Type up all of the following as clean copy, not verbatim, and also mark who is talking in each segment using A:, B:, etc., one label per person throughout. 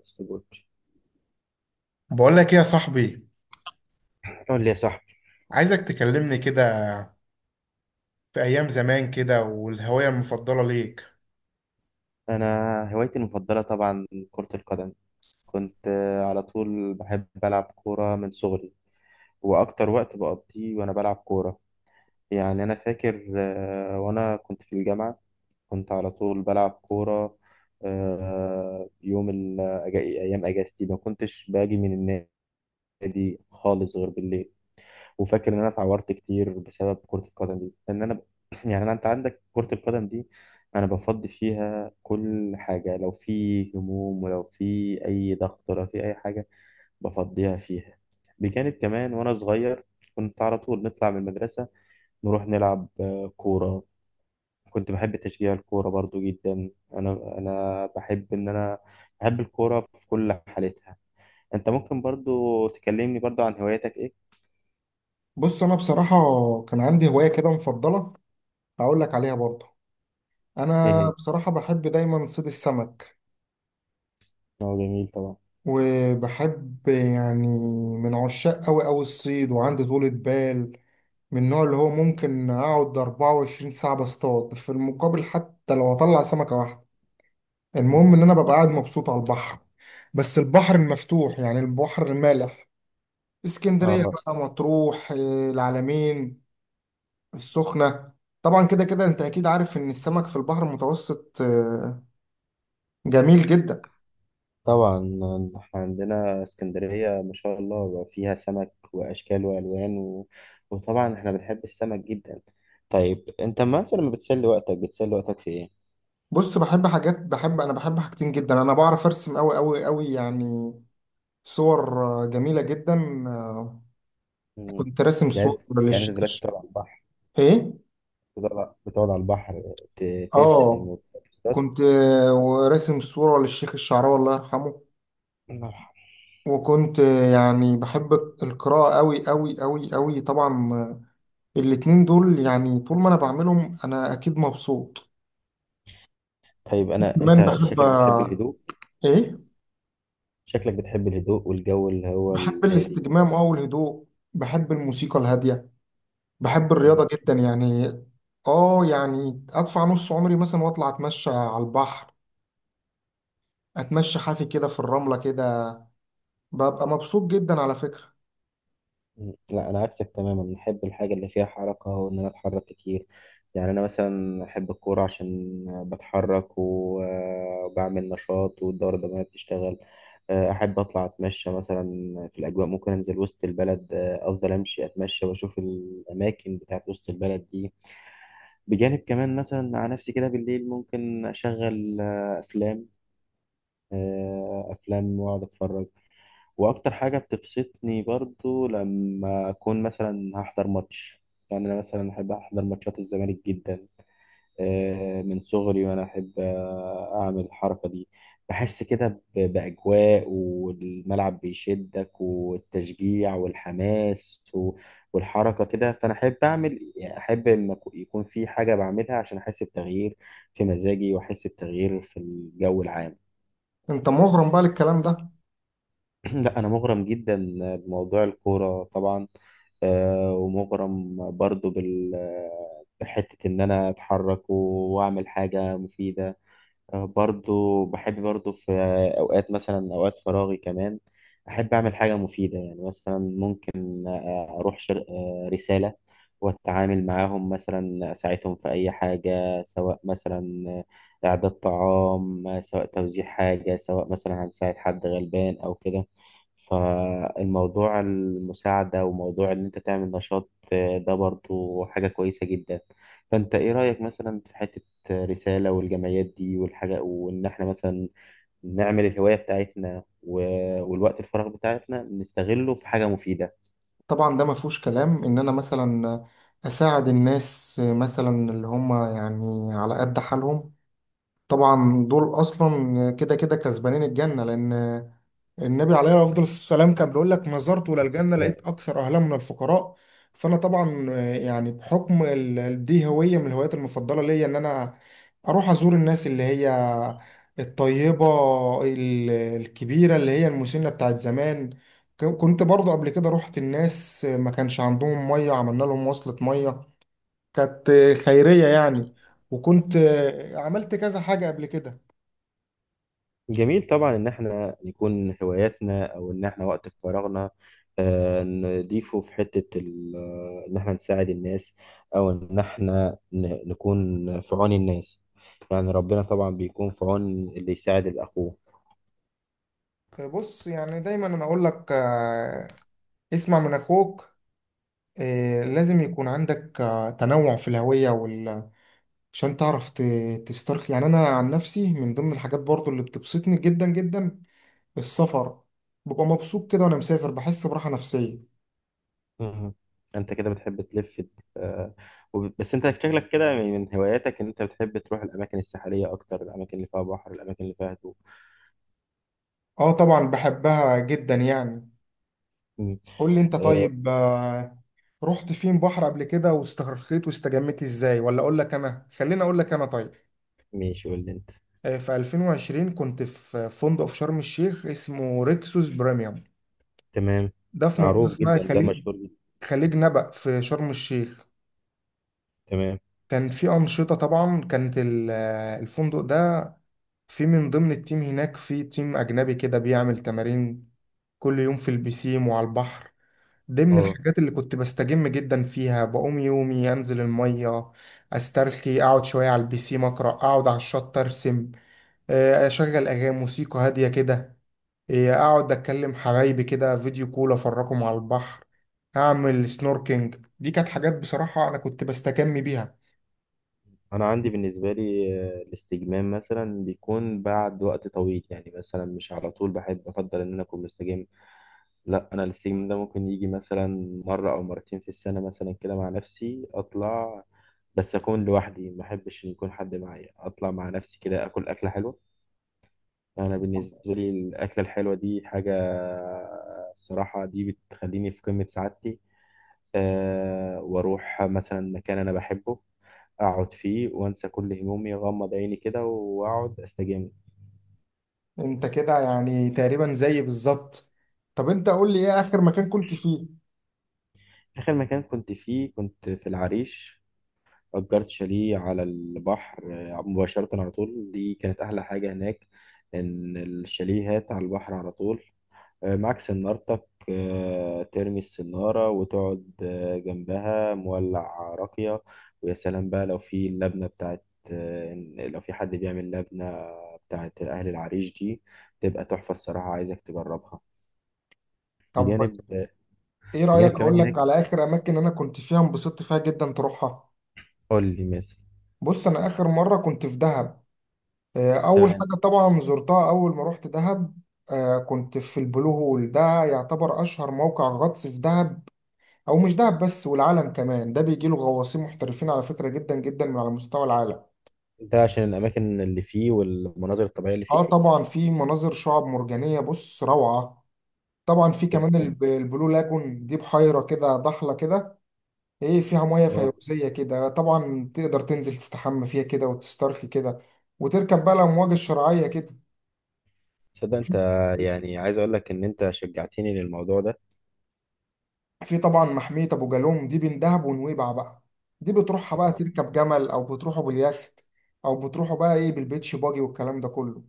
A: السبوت،
B: بقول لك ايه يا صاحبي؟
A: قول لي يا صاحبي.
B: عايزك تكلمني كده في ايام زمان، كده والهوايه المفضله ليك.
A: انا هوايتي المفضله طبعا كره القدم. كنت على طول بحب العب كوره من صغري، واكتر وقت بقضيه وانا بلعب كوره. يعني انا فاكر وانا كنت في الجامعه كنت على طول بلعب كوره. آه، يوم ال- ايام اجازتي ما كنتش باجي من النادي خالص غير بالليل. وفاكر ان انا اتعورت كتير بسبب كرة القدم دي لان انا يعني انا انت عندك كرة القدم دي، انا بفضي فيها كل حاجة لو في هموم ولو في اي ضغط ولو في اي حاجة، بفضيها فيها. بجانب كمان وانا صغير كنت على طول نطلع من المدرسة، نروح نلعب كورة. كنت بحب تشجيع الكورة برضو جدا، انا بحب ان انا بحب الكورة في كل حالتها. انت ممكن برضو تكلمني برضو عن هواياتك ايه؟
B: بص انا بصراحه كان عندي هوايه كده مفضله، هقول لك عليها برضه.
A: ايه
B: انا
A: هي؟
B: بصراحه بحب دايما صيد السمك.
A: اه، جميل طبعا.
B: وبحب يعني، من عشاق قوي قوي الصيد، وعندي طولة بال. من النوع اللي هو ممكن اقعد 24 ساعه بصطاد في المقابل، حتى لو اطلع سمكه واحده. المهم ان انا ببقى قاعد مبسوط على البحر. بس البحر المفتوح يعني البحر المالح. اسكندريه
A: اه
B: بقى، مطروح، العلمين، السخنه. طبعا كده كده انت اكيد عارف ان السمك في البحر المتوسط جميل جدا.
A: طبعا، احنا عندنا اسكندرية ما شاء الله بقى فيها سمك واشكال والوان وطبعا احنا بنحب السمك جدا. طيب انت مثلا لما بتسلي وقتك في ايه؟
B: بص بحب حاجات، بحب حاجتين جدا. انا بعرف ارسم قوي قوي قوي يعني. صور جميله جدا. آه،
A: مم.
B: كنت راسم صور
A: يعني
B: للشيخ.
A: انت دلوقتي بتقعد على البحر،
B: ايه.
A: بتقعد على البحر ترسم
B: اه
A: وتصطاد.
B: كنت راسم صوره للشيخ الشعراوي، الله يرحمه.
A: الله يرحمه.
B: وكنت يعني بحب القراءه قوي قوي قوي قوي طبعا. الاتنين دول يعني طول ما انا بعملهم انا اكيد مبسوط.
A: طيب
B: كمان
A: انت
B: بحب،
A: شكلك بتحب الهدوء،
B: ايه.
A: شكلك بتحب الهدوء والجو اللي هو
B: بحب
A: الهادي
B: الاستجمام او الهدوء. بحب الموسيقى الهادية. بحب الرياضة
A: كده.
B: جدا يعني. اه يعني ادفع نص عمري مثلا واطلع اتمشى على البحر. اتمشى حافي كده في الرملة كده، ببقى مبسوط جدا على فكرة.
A: لا، انا عكسك تماما، احب الحاجه اللي فيها حركه وان انا اتحرك كتير، يعني انا مثلا احب الكوره عشان بتحرك وبعمل نشاط والدوره الدمويه بتشتغل. احب اطلع اتمشى مثلا في الاجواء، ممكن انزل وسط البلد، افضل امشي اتمشى واشوف الاماكن بتاعت وسط البلد دي. بجانب كمان مثلا على نفسي كده بالليل ممكن اشغل افلام واقعد اتفرج. واكتر حاجه بتبسطني برضو لما اكون مثلا هحضر ماتش، يعني انا مثلا احب احضر ماتشات الزمالك جدا من صغري، وانا احب اعمل الحركه دي. بحس كده باجواء والملعب بيشدك والتشجيع والحماس والحركه كده، فانا احب اعمل، يعني احب ان يكون في حاجه بعملها عشان احس بتغيير في مزاجي واحس بتغيير في الجو العام.
B: انت مغرم بقى للكلام ده.
A: لا انا مغرم جدا بموضوع الكوره طبعا، ومغرم برضو بحتة إن أنا أتحرك وأعمل حاجة مفيدة. برضو بحب برضو في أوقات، مثلا أوقات فراغي كمان، أحب أعمل حاجة مفيدة. يعني مثلا ممكن آه، أروح شر... آه، رسالة، وأتعامل معاهم مثلا، أساعدهم في أي حاجة سواء مثلا إعداد طعام، سواء توزيع حاجة، سواء مثلا هنساعد حد غلبان أو كده. فالموضوع المساعدة وموضوع إن أنت تعمل نشاط ده برضو حاجة كويسة جدا. فأنت إيه رأيك مثلا في حتة رسالة والجمعيات دي والحاجة، وإن إحنا مثلا نعمل الهواية بتاعتنا والوقت الفراغ بتاعتنا نستغله في حاجة مفيدة؟
B: طبعا ده ما فيهوش كلام ان انا مثلا اساعد الناس، مثلا اللي هم يعني على قد حالهم. طبعا دول اصلا كده كده كسبانين الجنه، لان النبي عليه افضل السلام كان بيقول لك: ما زرت ولا
A: بس
B: الجنه
A: السلام.
B: لقيت اكثر اهلها من الفقراء. فانا طبعا يعني بحكم دي هويه من الهوايات المفضله ليا، ان انا اروح ازور الناس اللي هي الطيبه، الكبيره اللي هي المسنه بتاعت زمان. كنت برضو قبل كده رحت الناس ما كانش عندهم ميه، عملنا لهم وصلة ميه، كانت خيريه يعني. وكنت عملت كذا حاجه قبل كده.
A: جميل طبعا إن إحنا نكون هواياتنا أو إن إحنا وقت فراغنا نضيفه في حتة إن إحنا نساعد الناس، أو إن إحنا نكون في عون الناس. يعني ربنا طبعا بيكون في عون اللي يساعد الأخوه.
B: بص يعني دايما انا اقول لك اسمع من اخوك. لازم يكون عندك تنوع في الهوية عشان تعرف تسترخي. يعني انا عن نفسي من ضمن الحاجات برضو اللي بتبسطني جدا جدا السفر. ببقى مبسوط كده وانا مسافر، بحس براحة نفسية.
A: مم. انت كده بتحب تلف. آه، بس انت شكلك كده من هواياتك ان انت بتحب تروح الاماكن الساحليه اكتر، الاماكن اللي فيها بحر، الاماكن اللي فيها هدوء.
B: اه طبعا بحبها جدا يعني.
A: مم.
B: قول لي انت
A: آه،
B: طيب، رحت فين بحر قبل كده واسترخيت واستجمت ازاي؟ ولا اقول لك انا، خليني اقول لك انا طيب.
A: ماشي، قول لي انت.
B: في 2020 كنت في فندق في شرم الشيخ اسمه ريكسوس بريميوم.
A: تمام.
B: ده في منطقة
A: معروف
B: اسمها
A: جدا، ده
B: خليج،
A: مشهور جدا.
B: خليج نبأ في شرم الشيخ.
A: تمام.
B: كان في أنشطة طبعا، كانت الفندق ده في من ضمن التيم هناك في تيم أجنبي كده بيعمل تمارين كل يوم في البسيم وعلى البحر. دي من
A: اه.
B: الحاجات اللي كنت بستجم جدا فيها. بقوم يومي أنزل المية، أسترخي، أقعد شوية على البسيم، أقرأ، أقعد على الشط أرسم، أشغل أغاني موسيقى هادية كده. إيه، اقعد اتكلم حبايبي كده فيديو كول، افرجهم على البحر، اعمل سنوركينج. دي كانت حاجات بصراحة انا كنت بستكمي بيها.
A: انا عندي بالنسبه لي الاستجمام مثلا بيكون بعد وقت طويل، يعني مثلا مش على طول بحب افضل ان انا اكون مستجم. لا، انا الاستجمام ده ممكن يجي مثلا مره او مرتين في السنه مثلا، كده مع نفسي اطلع بس اكون لوحدي، ما احبش ان يكون حد معايا، اطلع مع نفسي كده اكل اكله حلوه. انا بالنسبه لي الاكله الحلوه دي حاجه الصراحه دي بتخليني في قمه سعادتي. واروح مثلا مكان انا بحبه، اقعد فيه وانسى كل همومي، اغمض عيني كده واقعد استجم.
B: انت كده يعني تقريبا زي بالظبط. طب انت قول لي ايه اخر مكان كنت فيه؟
A: اخر مكان كنت فيه كنت في العريش، اجرت شاليه على البحر مباشره على طول، دي كانت احلى حاجه هناك ان الشاليهات على البحر على طول. معاك سنارتك، ترمي السنارة وتقعد جنبها مولع راقية. ويا سلام بقى لو في اللبنة بتاعت، لو في حد بيعمل لبنة بتاعت أهل العريش دي، تبقى تحفة الصراحة، عايزك تجربها.
B: طب
A: بجانب
B: ايه رأيك
A: بجانب كمان
B: اقول لك على
A: هناك،
B: اخر اماكن انا كنت فيها انبسطت فيها جدا، تروحها.
A: قول لي مثلا.
B: بص انا اخر مرة كنت في دهب. اول
A: تمام.
B: حاجة طبعا زرتها اول ما رحت دهب، كنت في البلو هول. ده يعتبر اشهر موقع غطس في دهب، او مش دهب بس، والعالم كمان. ده بيجي له غواصين محترفين على فكره جدا جدا من على مستوى العالم.
A: انت عشان الأماكن اللي فيه والمناظر الطبيعية اللي
B: اه
A: فيه.
B: طبعا في مناظر شعاب مرجانيه بص روعه. طبعا في كمان
A: تمام.
B: البلو لاجون، دي بحيره كده ضحله كده، ايه، فيها ميه
A: اه.
B: فيروزيه كده. طبعا تقدر تنزل تستحمى فيها كده وتسترخي كده، وتركب بقى الامواج الشرعيه كده.
A: تصدق انت،
B: وفي
A: يعني عايز اقول لك ان انت شجعتني للموضوع ده.
B: في طبعا محميه ابو جالوم، دي بين دهب ونويبع بقى. دي بتروحها بقى
A: اه.
B: تركب جمل، او بتروحوا باليخت، او بتروحوا بقى ايه بالبيتش باجي والكلام ده كله.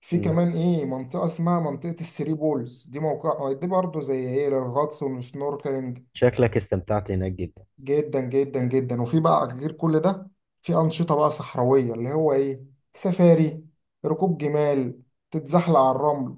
B: في
A: مم.
B: كمان ايه منطقة اسمها منطقة الثري بولز، دي موقع دي برضه زي ايه للغطس والسنوركلينج.
A: شكلك استمتعت هناك جدا.
B: جدا جدا جدا. وفي بقى غير كل ده، في أنشطة بقى صحراوية اللي هو ايه، سفاري، ركوب جمال، تتزحلق على الرمل.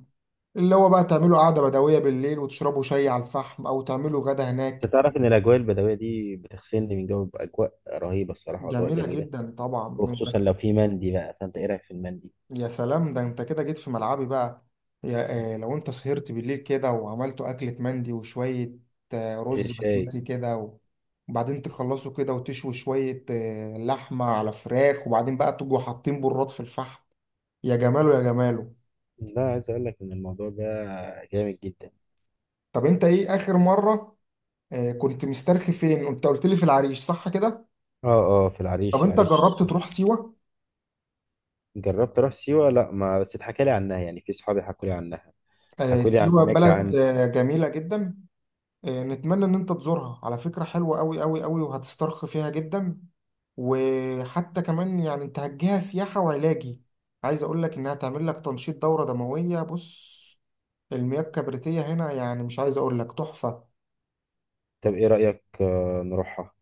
B: اللي هو بقى تعملوا قعدة بدوية بالليل وتشربوا شاي على الفحم، أو تعملوا غدا
A: انت
B: هناك.
A: تعرف ان الاجواء البدويه دي بتغسلني من جو، باجواء رهيبه الصراحه واجواء
B: جميلة
A: جميله،
B: جدا طبعا
A: وخصوصا
B: بس.
A: لو في مندي بقى. فانت ايه رايك في المندي؟
B: يا سلام، ده انت كده جيت في ملعبي بقى. يا آه، لو انت سهرت بالليل كده وعملتوا أكلة مندي وشوية آه
A: انت
B: رز
A: شاي.
B: بسمتي كده و- وبعدين تخلصوا كده وتشووا شوية آه لحمة على فراخ، وبعدين بقى تجوا حاطين براد في الفحم. يا جماله يا جماله.
A: لا عايز اقول لك ان الموضوع ده جامد جدا.
B: طب انت ايه آخر مرة آه كنت مسترخي فين؟ انت قلت لي في العريش صح كده.
A: اه اه، في
B: طب
A: العريش
B: انت جربت
A: العريش.
B: تروح سيوة؟
A: جربت اروح سيوه، لا، ما بس اتحكى لي عنها، يعني في صحابي حكوا لي عنها،
B: آه
A: حكوا لي عن
B: سيوة
A: هناك
B: بلد
A: عن...
B: آه جميلة جدا. نتمنى ان انت تزورها على فكرة، حلوة قوي قوي قوي وهتسترخي فيها جدا. وحتى كمان يعني انت هتجيها سياحة وعلاجي. عايز اقول لك انها تعمل لك تنشيط دورة دموية. بص المياه الكبريتية هنا يعني مش عايز اقول لك، تحفة.
A: طب ايه رايك نروحها؟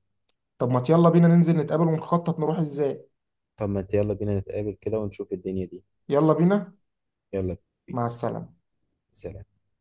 B: طب ما يلا بينا ننزل نتقابل ونخطط نروح ازاي.
A: طب ما انت يلا بينا نتقابل كده ونشوف الدنيا دي.
B: يلا بينا.
A: يلا بينا.
B: مع السلامة.
A: سلام.